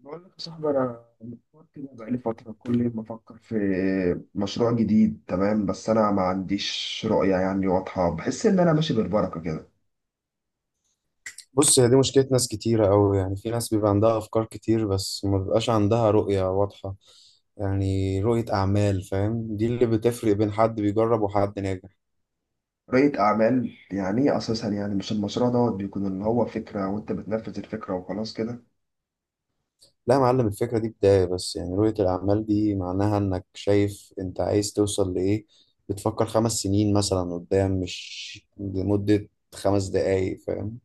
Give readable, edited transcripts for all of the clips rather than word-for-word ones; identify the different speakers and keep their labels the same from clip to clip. Speaker 1: بقول لك يا صاحبي، انا محتار كده بقالي فتره. كل يوم بفكر في مشروع جديد، تمام، بس انا ما عنديش رؤيه يعني واضحه. بحس ان انا ماشي بالبركه كده.
Speaker 2: بص، هي دي مشكلة ناس كتيرة أوي. يعني في ناس بيبقى عندها أفكار كتير بس ما بيبقاش عندها رؤية واضحة. يعني رؤية أعمال، فاهم؟ دي اللي بتفرق بين حد بيجرب وحد ناجح.
Speaker 1: رؤيه اعمال يعني ايه اساسا؟ يعني مش المشروع دوت بيكون اللي هو فكره وانت بتنفذ الفكره وخلاص كده؟
Speaker 2: لا يا معلم، الفكرة دي بداية بس. يعني رؤية الأعمال دي معناها إنك شايف أنت عايز توصل لإيه. بتفكر 5 سنين مثلا قدام، مش لمدة 5 دقايق، فاهم؟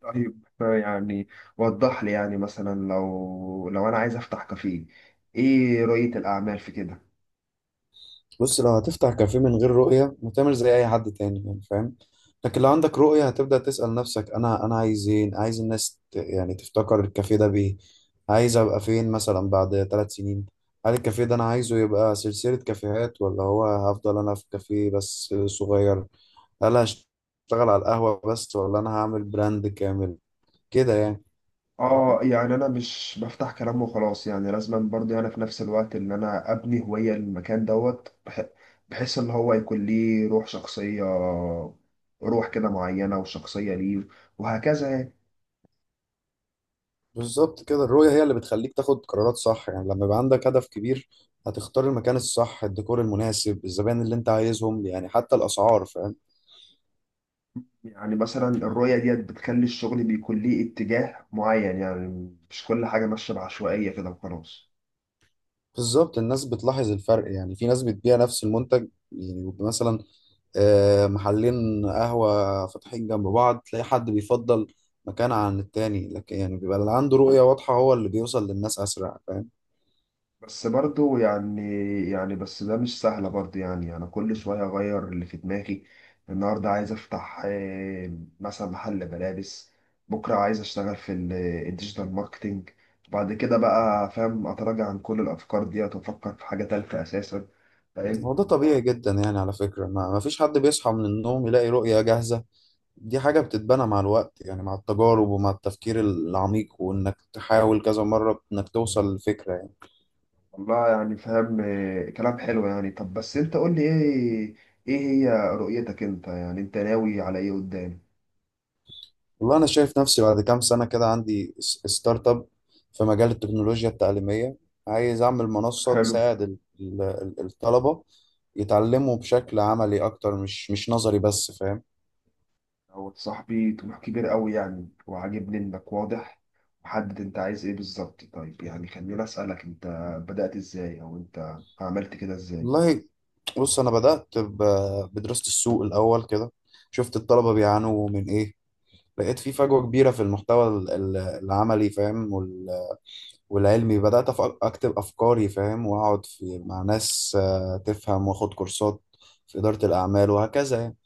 Speaker 1: طيب يعني وضح لي، يعني مثلا لو انا عايز افتح كافيه، ايه رؤيه الاعمال في كده؟
Speaker 2: بص، لو هتفتح كافيه من غير رؤية هتعمل زي أي حد تاني، يعني فاهم. لكن لو عندك رؤية هتبدأ تسأل نفسك، أنا عايز إيه، عايز الناس يعني تفتكر الكافيه ده بإيه. عايز أبقى فين مثلا بعد 3 سنين؟ هل الكافيه ده أنا عايزه يبقى سلسلة كافيهات، ولا هو هفضل أنا في كافيه بس صغير؟ هل هشتغل على القهوة بس، ولا أنا هعمل براند كامل كده، يعني؟
Speaker 1: اه، يعني انا مش بفتح كلام وخلاص، يعني لازم برضه انا في نفس الوقت ان انا ابني هوية للمكان دوت بحيث ان هو يكون ليه روح شخصية، روح كده معينة وشخصية ليه، وهكذا يعني.
Speaker 2: بالظبط كده، الرؤية هي اللي بتخليك تاخد قرارات صح. يعني لما يبقى عندك هدف كبير هتختار المكان الصح، الديكور المناسب، الزبائن اللي انت عايزهم، يعني حتى الأسعار، فاهم؟
Speaker 1: يعني مثلا الرؤية ديت بتخلي الشغل بيكون ليه اتجاه معين، يعني مش كل حاجة ماشية بعشوائية كده وخلاص.
Speaker 2: بالظبط، الناس بتلاحظ الفرق. يعني في ناس بتبيع نفس المنتج، يعني بيبقى مثلا محلين قهوة فاتحين جنب بعض، تلاقي حد بيفضل مكان عن التاني، لكن يعني بيبقى اللي عنده رؤية واضحة هو اللي بيوصل للناس أسرع، فاهم؟
Speaker 1: بس برضو يعني بس ده مش سهلة برضو، يعني أنا كل شوية أغير اللي في دماغي. النهاردة عايز أفتح مثلا محل ملابس، بكرة عايز أشتغل في الديجيتال ماركتينج، بعد كده بقى فاهم أتراجع عن كل الأفكار ديت وأفكر في حاجة تالتة أساسا، فاهم.
Speaker 2: هو ده طبيعي جدا. يعني على فكرة، ما فيش حد بيصحى من النوم يلاقي رؤية جاهزة. دي حاجة بتتبنى مع الوقت، يعني مع التجارب ومع التفكير العميق، وإنك تحاول كذا مرة إنك توصل للفكرة، يعني.
Speaker 1: والله يعني فاهم، كلام حلو يعني. طب بس أنت قول لي إيه هي رؤيتك أنت؟ يعني أنت ناوي على إيه قدام؟
Speaker 2: والله أنا شايف نفسي بعد كام سنة كده عندي ستارت أب في مجال التكنولوجيا التعليمية. عايز أعمل منصة
Speaker 1: حلو.
Speaker 2: تساعد الطلبة يتعلموا بشكل عملي أكتر، مش نظري بس، فاهم.
Speaker 1: هو صاحبي طموح كبير قوي يعني، وعاجبني انك واضح وحدد انت عايز ايه بالظبط. طيب يعني خليني اسالك انت بدات ازاي، او انت عملت كده ازاي؟
Speaker 2: والله، بص أنا بدأت بدراسة السوق الأول كده. شفت الطلبة بيعانوا من إيه، لقيت في فجوة كبيرة في المحتوى العملي، فاهم. والعلمي بدأت أكتب أفكاري، فاهم، وأقعد في مع ناس تفهم، وأخد كورسات في إدارة الأعمال وهكذا، يعني.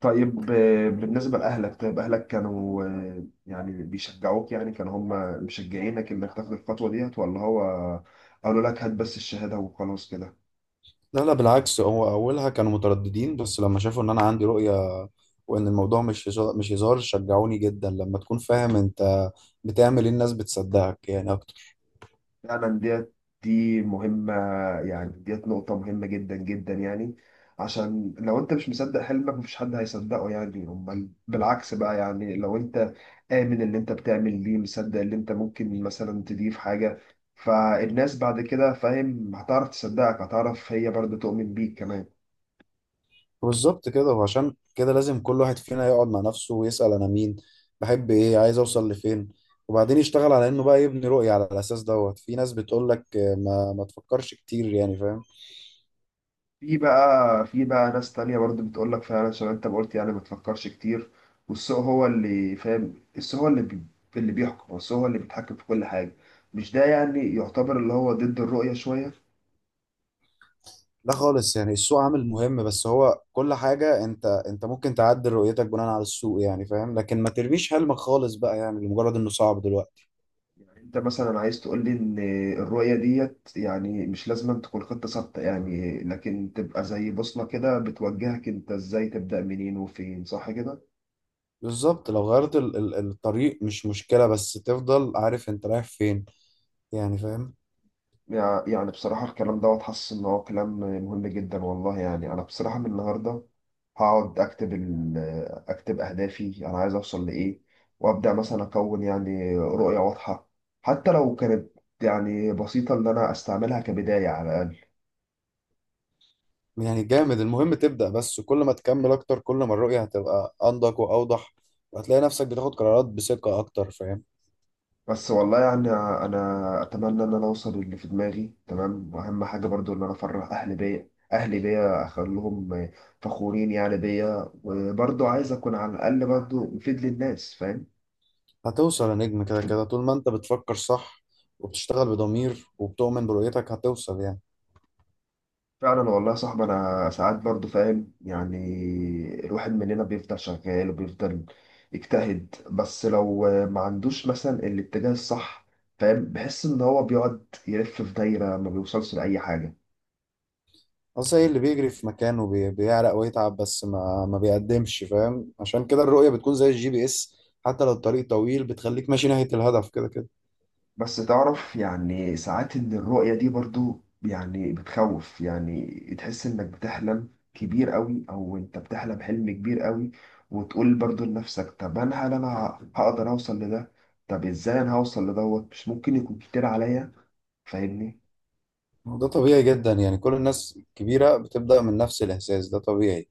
Speaker 1: طيب بالنسبه لاهلك، طيب اهلك كانوا يعني بيشجعوك، يعني كانوا هم مشجعينك انك تاخد الخطوه ديت، ولا هو قالوا لك هات بس الشهاده وخلاص كده؟
Speaker 2: لا لا، بالعكس، هو أولها كانوا مترددين، بس لما شافوا إن أنا عندي رؤية، وإن الموضوع مش هزار، شجعوني جدا. لما تكون فاهم أنت بتعمل إيه، الناس بتصدقك، يعني.
Speaker 1: فعلا دي مهمة، يعني ديت نقطة مهمة جدا جدا يعني. عشان لو انت مش مصدق حلمك مفيش حد هيصدقه يعني. امال بالعكس بقى، يعني لو انت آمن اللي انت بتعمل ليه، مصدق اللي انت ممكن مثلا تضيف حاجة، فالناس بعد كده فاهم هتعرف تصدقك، هتعرف هي برضه تؤمن بيك كمان.
Speaker 2: بالظبط كده. وعشان كده لازم كل واحد فينا يقعد مع نفسه ويسأل، أنا مين، بحب إيه، عايز أوصل لفين، وبعدين يشتغل على إنه بقى يبني رؤية على الأساس دوت. في ناس بتقول لك ما تفكرش كتير، يعني فاهم.
Speaker 1: في بقى ناس تانية برضو بتقول لك فعلا، عشان انت ما قلت، يعني ما تفكرش كتير، والسوق هو اللي فاهم، السوق هو اللي اللي بيحكم، والسوق هو اللي بيتحكم في كل حاجة. مش ده يعني يعتبر اللي هو ضد الرؤية شوية؟
Speaker 2: لا خالص، يعني السوق عامل مهم بس هو كل حاجة. أنت ممكن تعدل رؤيتك بناء على السوق، يعني فاهم، لكن ما ترميش حلمك خالص بقى، يعني لمجرد إنه صعب دلوقتي.
Speaker 1: يعني انت مثلا عايز تقول لي ان الرؤية ديت يعني مش لازم أن تكون خطة ثابتة، يعني لكن تبقى زي بوصلة كده بتوجهك انت ازاي تبدأ منين وفين، صح كده؟
Speaker 2: بالظبط، لو غيرت الطريق مش مشكلة، بس تفضل عارف أنت رايح فين، يعني فاهم.
Speaker 1: يعني بصراحة الكلام دوت حاسس ان هو كلام مهم جدا والله، يعني انا بصراحة من النهاردة هقعد اكتب اهدافي انا عايز اوصل لايه، وابدا مثلا اكون يعني رؤيه واضحه، حتى لو كانت يعني بسيطه، ان انا استعملها كبدايه على الاقل.
Speaker 2: يعني جامد. المهم تبدأ، بس كل ما تكمل أكتر كل ما الرؤية هتبقى أنضج وأوضح، وهتلاقي نفسك بتاخد قرارات بثقة أكتر، فاهم.
Speaker 1: بس والله يعني انا اتمنى ان انا اوصل اللي في دماغي، تمام، واهم حاجه برضو ان انا افرح اهلي بيا اخليهم فخورين يعني بيا، وبرضو عايز اكون على الاقل برضو مفيد للناس، فاهم.
Speaker 2: هتوصل يا نجم، كده كده طول ما أنت بتفكر صح وبتشتغل بضمير وبتؤمن برؤيتك هتوصل، يعني.
Speaker 1: فعلا والله يا صاحبي انا ساعات برضو فاهم يعني الواحد مننا بيفضل شغال وبيفضل يجتهد، بس لو ما عندوش مثلا الاتجاه الصح، فاهم، بحس ان هو بيقعد يلف في دايرة ما بيوصلش لأي حاجة.
Speaker 2: أصل إيه اللي بيجري في مكانه، بيعرق ويتعب بس ما بيقدمش، فاهم. عشان كده الرؤية بتكون زي الجي بي إس، حتى لو الطريق طويل بتخليك ماشي ناحية الهدف كده كده.
Speaker 1: بس تعرف يعني ساعات ان الرؤية دي برضو يعني بتخوف، يعني تحس انك بتحلم كبير قوي، او انت بتحلم حلم كبير قوي، وتقول برضو لنفسك طب هل انا هقدر اوصل لده؟ طب ازاي انا هوصل لدوت؟ مش ممكن يكون كتير عليا؟ فاهمني؟
Speaker 2: وده طبيعي جدا. يعني كل الناس الكبيرة بتبدأ من نفس الإحساس، ده طبيعي.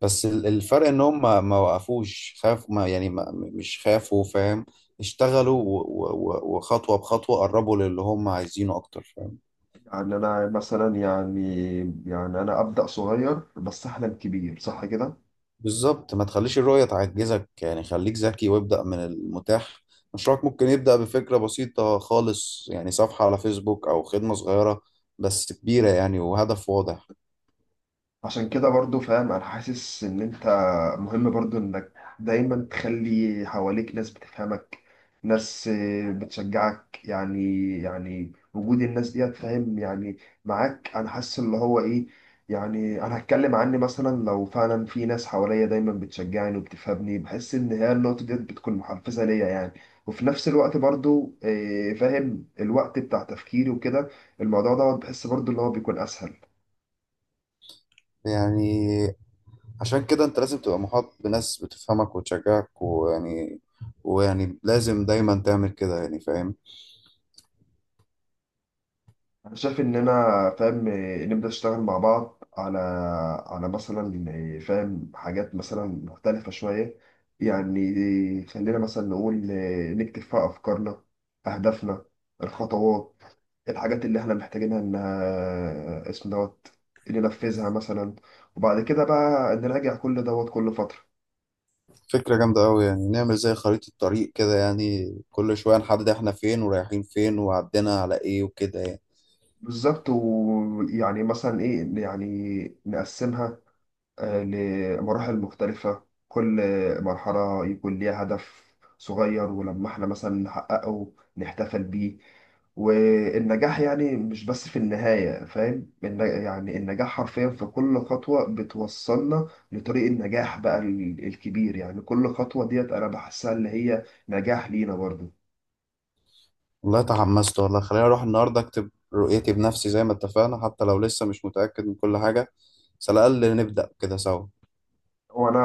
Speaker 2: بس الفرق ان هم ما وقفوش، خاف، ما يعني، ما مش خافوا، فاهم. اشتغلوا و وخطوة بخطوة قربوا للي هم عايزينه اكتر، فاهم.
Speaker 1: يعني انا مثلا يعني انا ابدا صغير بس احلم كبير، صح كده؟
Speaker 2: بالظبط، ما تخليش الرؤية تعجزك، يعني خليك ذكي وابدأ من المتاح. مشروعك ممكن يبدأ بفكرة بسيطة خالص، يعني صفحة على فيسبوك او خدمة صغيرة، بس كبيرة يعني وهدف واضح.
Speaker 1: عشان كده برضو فاهم انا حاسس ان انت مهم برضو انك دايما تخلي حواليك ناس بتفهمك، ناس بتشجعك، يعني وجود الناس دي فاهم يعني معاك انا حاسس اللي هو ايه، يعني انا هتكلم عني مثلا، لو فعلا في ناس حواليا دايما بتشجعني وبتفهمني، بحس ان هي النقطة دي بتكون محفزة ليا يعني. وفي نفس الوقت برضو فاهم الوقت بتاع تفكيري وكده، الموضوع دوت بحس برضو اللي هو بيكون اسهل.
Speaker 2: يعني عشان كده انت لازم تبقى محاط بناس بتفهمك وتشجعك، ويعني، ويعني لازم دايما تعمل كده، يعني فاهم.
Speaker 1: انا شايف ان انا فاهم إيه، نبدا نشتغل مع بعض على مثلا إيه، فاهم حاجات مثلا مختلفه شويه يعني. خلينا مثلا نقول إيه، نكتب فيها افكارنا، اهدافنا، الخطوات، الحاجات اللي احنا محتاجينها انها اسم دوت ننفذها مثلا، وبعد كده بقى نراجع كل دوت كل فتره.
Speaker 2: فكرة جامدة أوي، يعني نعمل زي خريطة طريق كده، يعني كل شوية نحدد إحنا فين ورايحين فين وعدينا على إيه وكده، يعني.
Speaker 1: بالظبط، ويعني مثلا ايه يعني نقسمها لمراحل مختلفة. كل مرحلة يكون ليها هدف صغير، ولما احنا مثلا نحققه نحتفل بيه، والنجاح يعني مش بس في النهاية فاهم، يعني النجاح حرفيا في كل خطوة بتوصلنا لطريق النجاح بقى الكبير، يعني كل خطوة ديت أنا بحسها اللي هي نجاح لينا برضه.
Speaker 2: والله تحمست، والله خليني أروح النهاردة أكتب رؤيتي بنفسي زي ما اتفقنا، حتى لو لسه مش متأكد من كل حاجة، بس على الأقل نبدأ كده سوا.
Speaker 1: وانا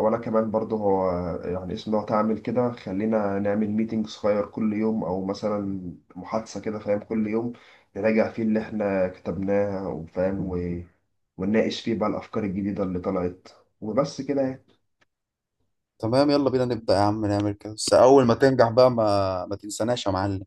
Speaker 1: وانا كمان برضه هو يعني اسم لو تعمل كده خلينا نعمل ميتنج صغير كل يوم، او مثلا محادثة كده فاهم كل يوم نراجع فيه اللي احنا كتبناه وفاهم ونناقش فيه بقى الافكار الجديدة اللي طلعت، وبس كده يعني.
Speaker 2: تمام، يلا بينا نبدأ يا عم، نعمل كده، بس أول ما تنجح بقى ما تنساناش يا معلم.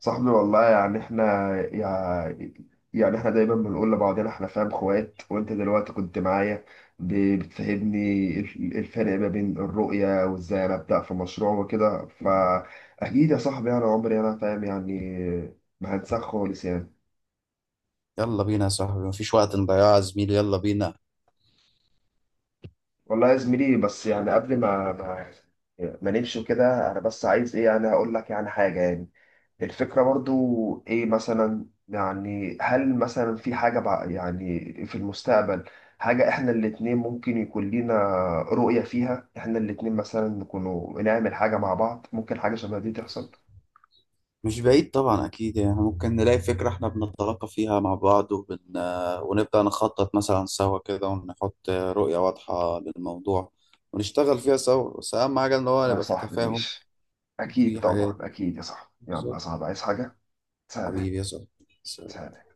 Speaker 1: صاحبي والله يعني احنا يعني احنا دايما بنقول لبعضنا احنا فاهم اخوات، وانت دلوقتي كنت معايا بتفهمني الفرق ما بين الرؤية وازاي انا ابدأ في مشروع وكده، فاكيد يا صاحبي انا عمري انا فاهم يعني ما هنساك خالص يعني.
Speaker 2: يلا بينا يا صاحبي، مفيش وقت نضيعه يا زميلي، يلا بينا.
Speaker 1: والله يا زميلي، بس يعني قبل ما نمشي كده انا بس عايز ايه يعني اقول لك يعني حاجة، يعني الفكرة برضو إيه مثلا؟ يعني هل مثلا في حاجة يعني في المستقبل حاجة إحنا الاتنين ممكن يكون لينا رؤية فيها إحنا الاتنين مثلا نكونوا نعمل حاجة مع بعض؟ ممكن حاجة شبه دي تحصل؟
Speaker 2: مش بعيد طبعا، أكيد يعني ممكن نلاقي فكرة إحنا بنتلاقى فيها مع بعض، وبن... آه، ونبدأ نخطط مثلا سوا كده ونحط رؤية واضحة للموضوع ونشتغل فيها سوا، بس أهم حاجة إن
Speaker 1: صح
Speaker 2: هو
Speaker 1: يا
Speaker 2: نبقى في
Speaker 1: صاحبي،
Speaker 2: تفاهم
Speaker 1: ماشي، أكيد
Speaker 2: وفي
Speaker 1: طبعا،
Speaker 2: حاجات.
Speaker 1: أكيد يا صاحبي، يلا يا
Speaker 2: بالظبط.
Speaker 1: صاحبي، عايز حاجة؟ سلام.
Speaker 2: حبيبي يا صاحبي.
Speaker 1: سلام.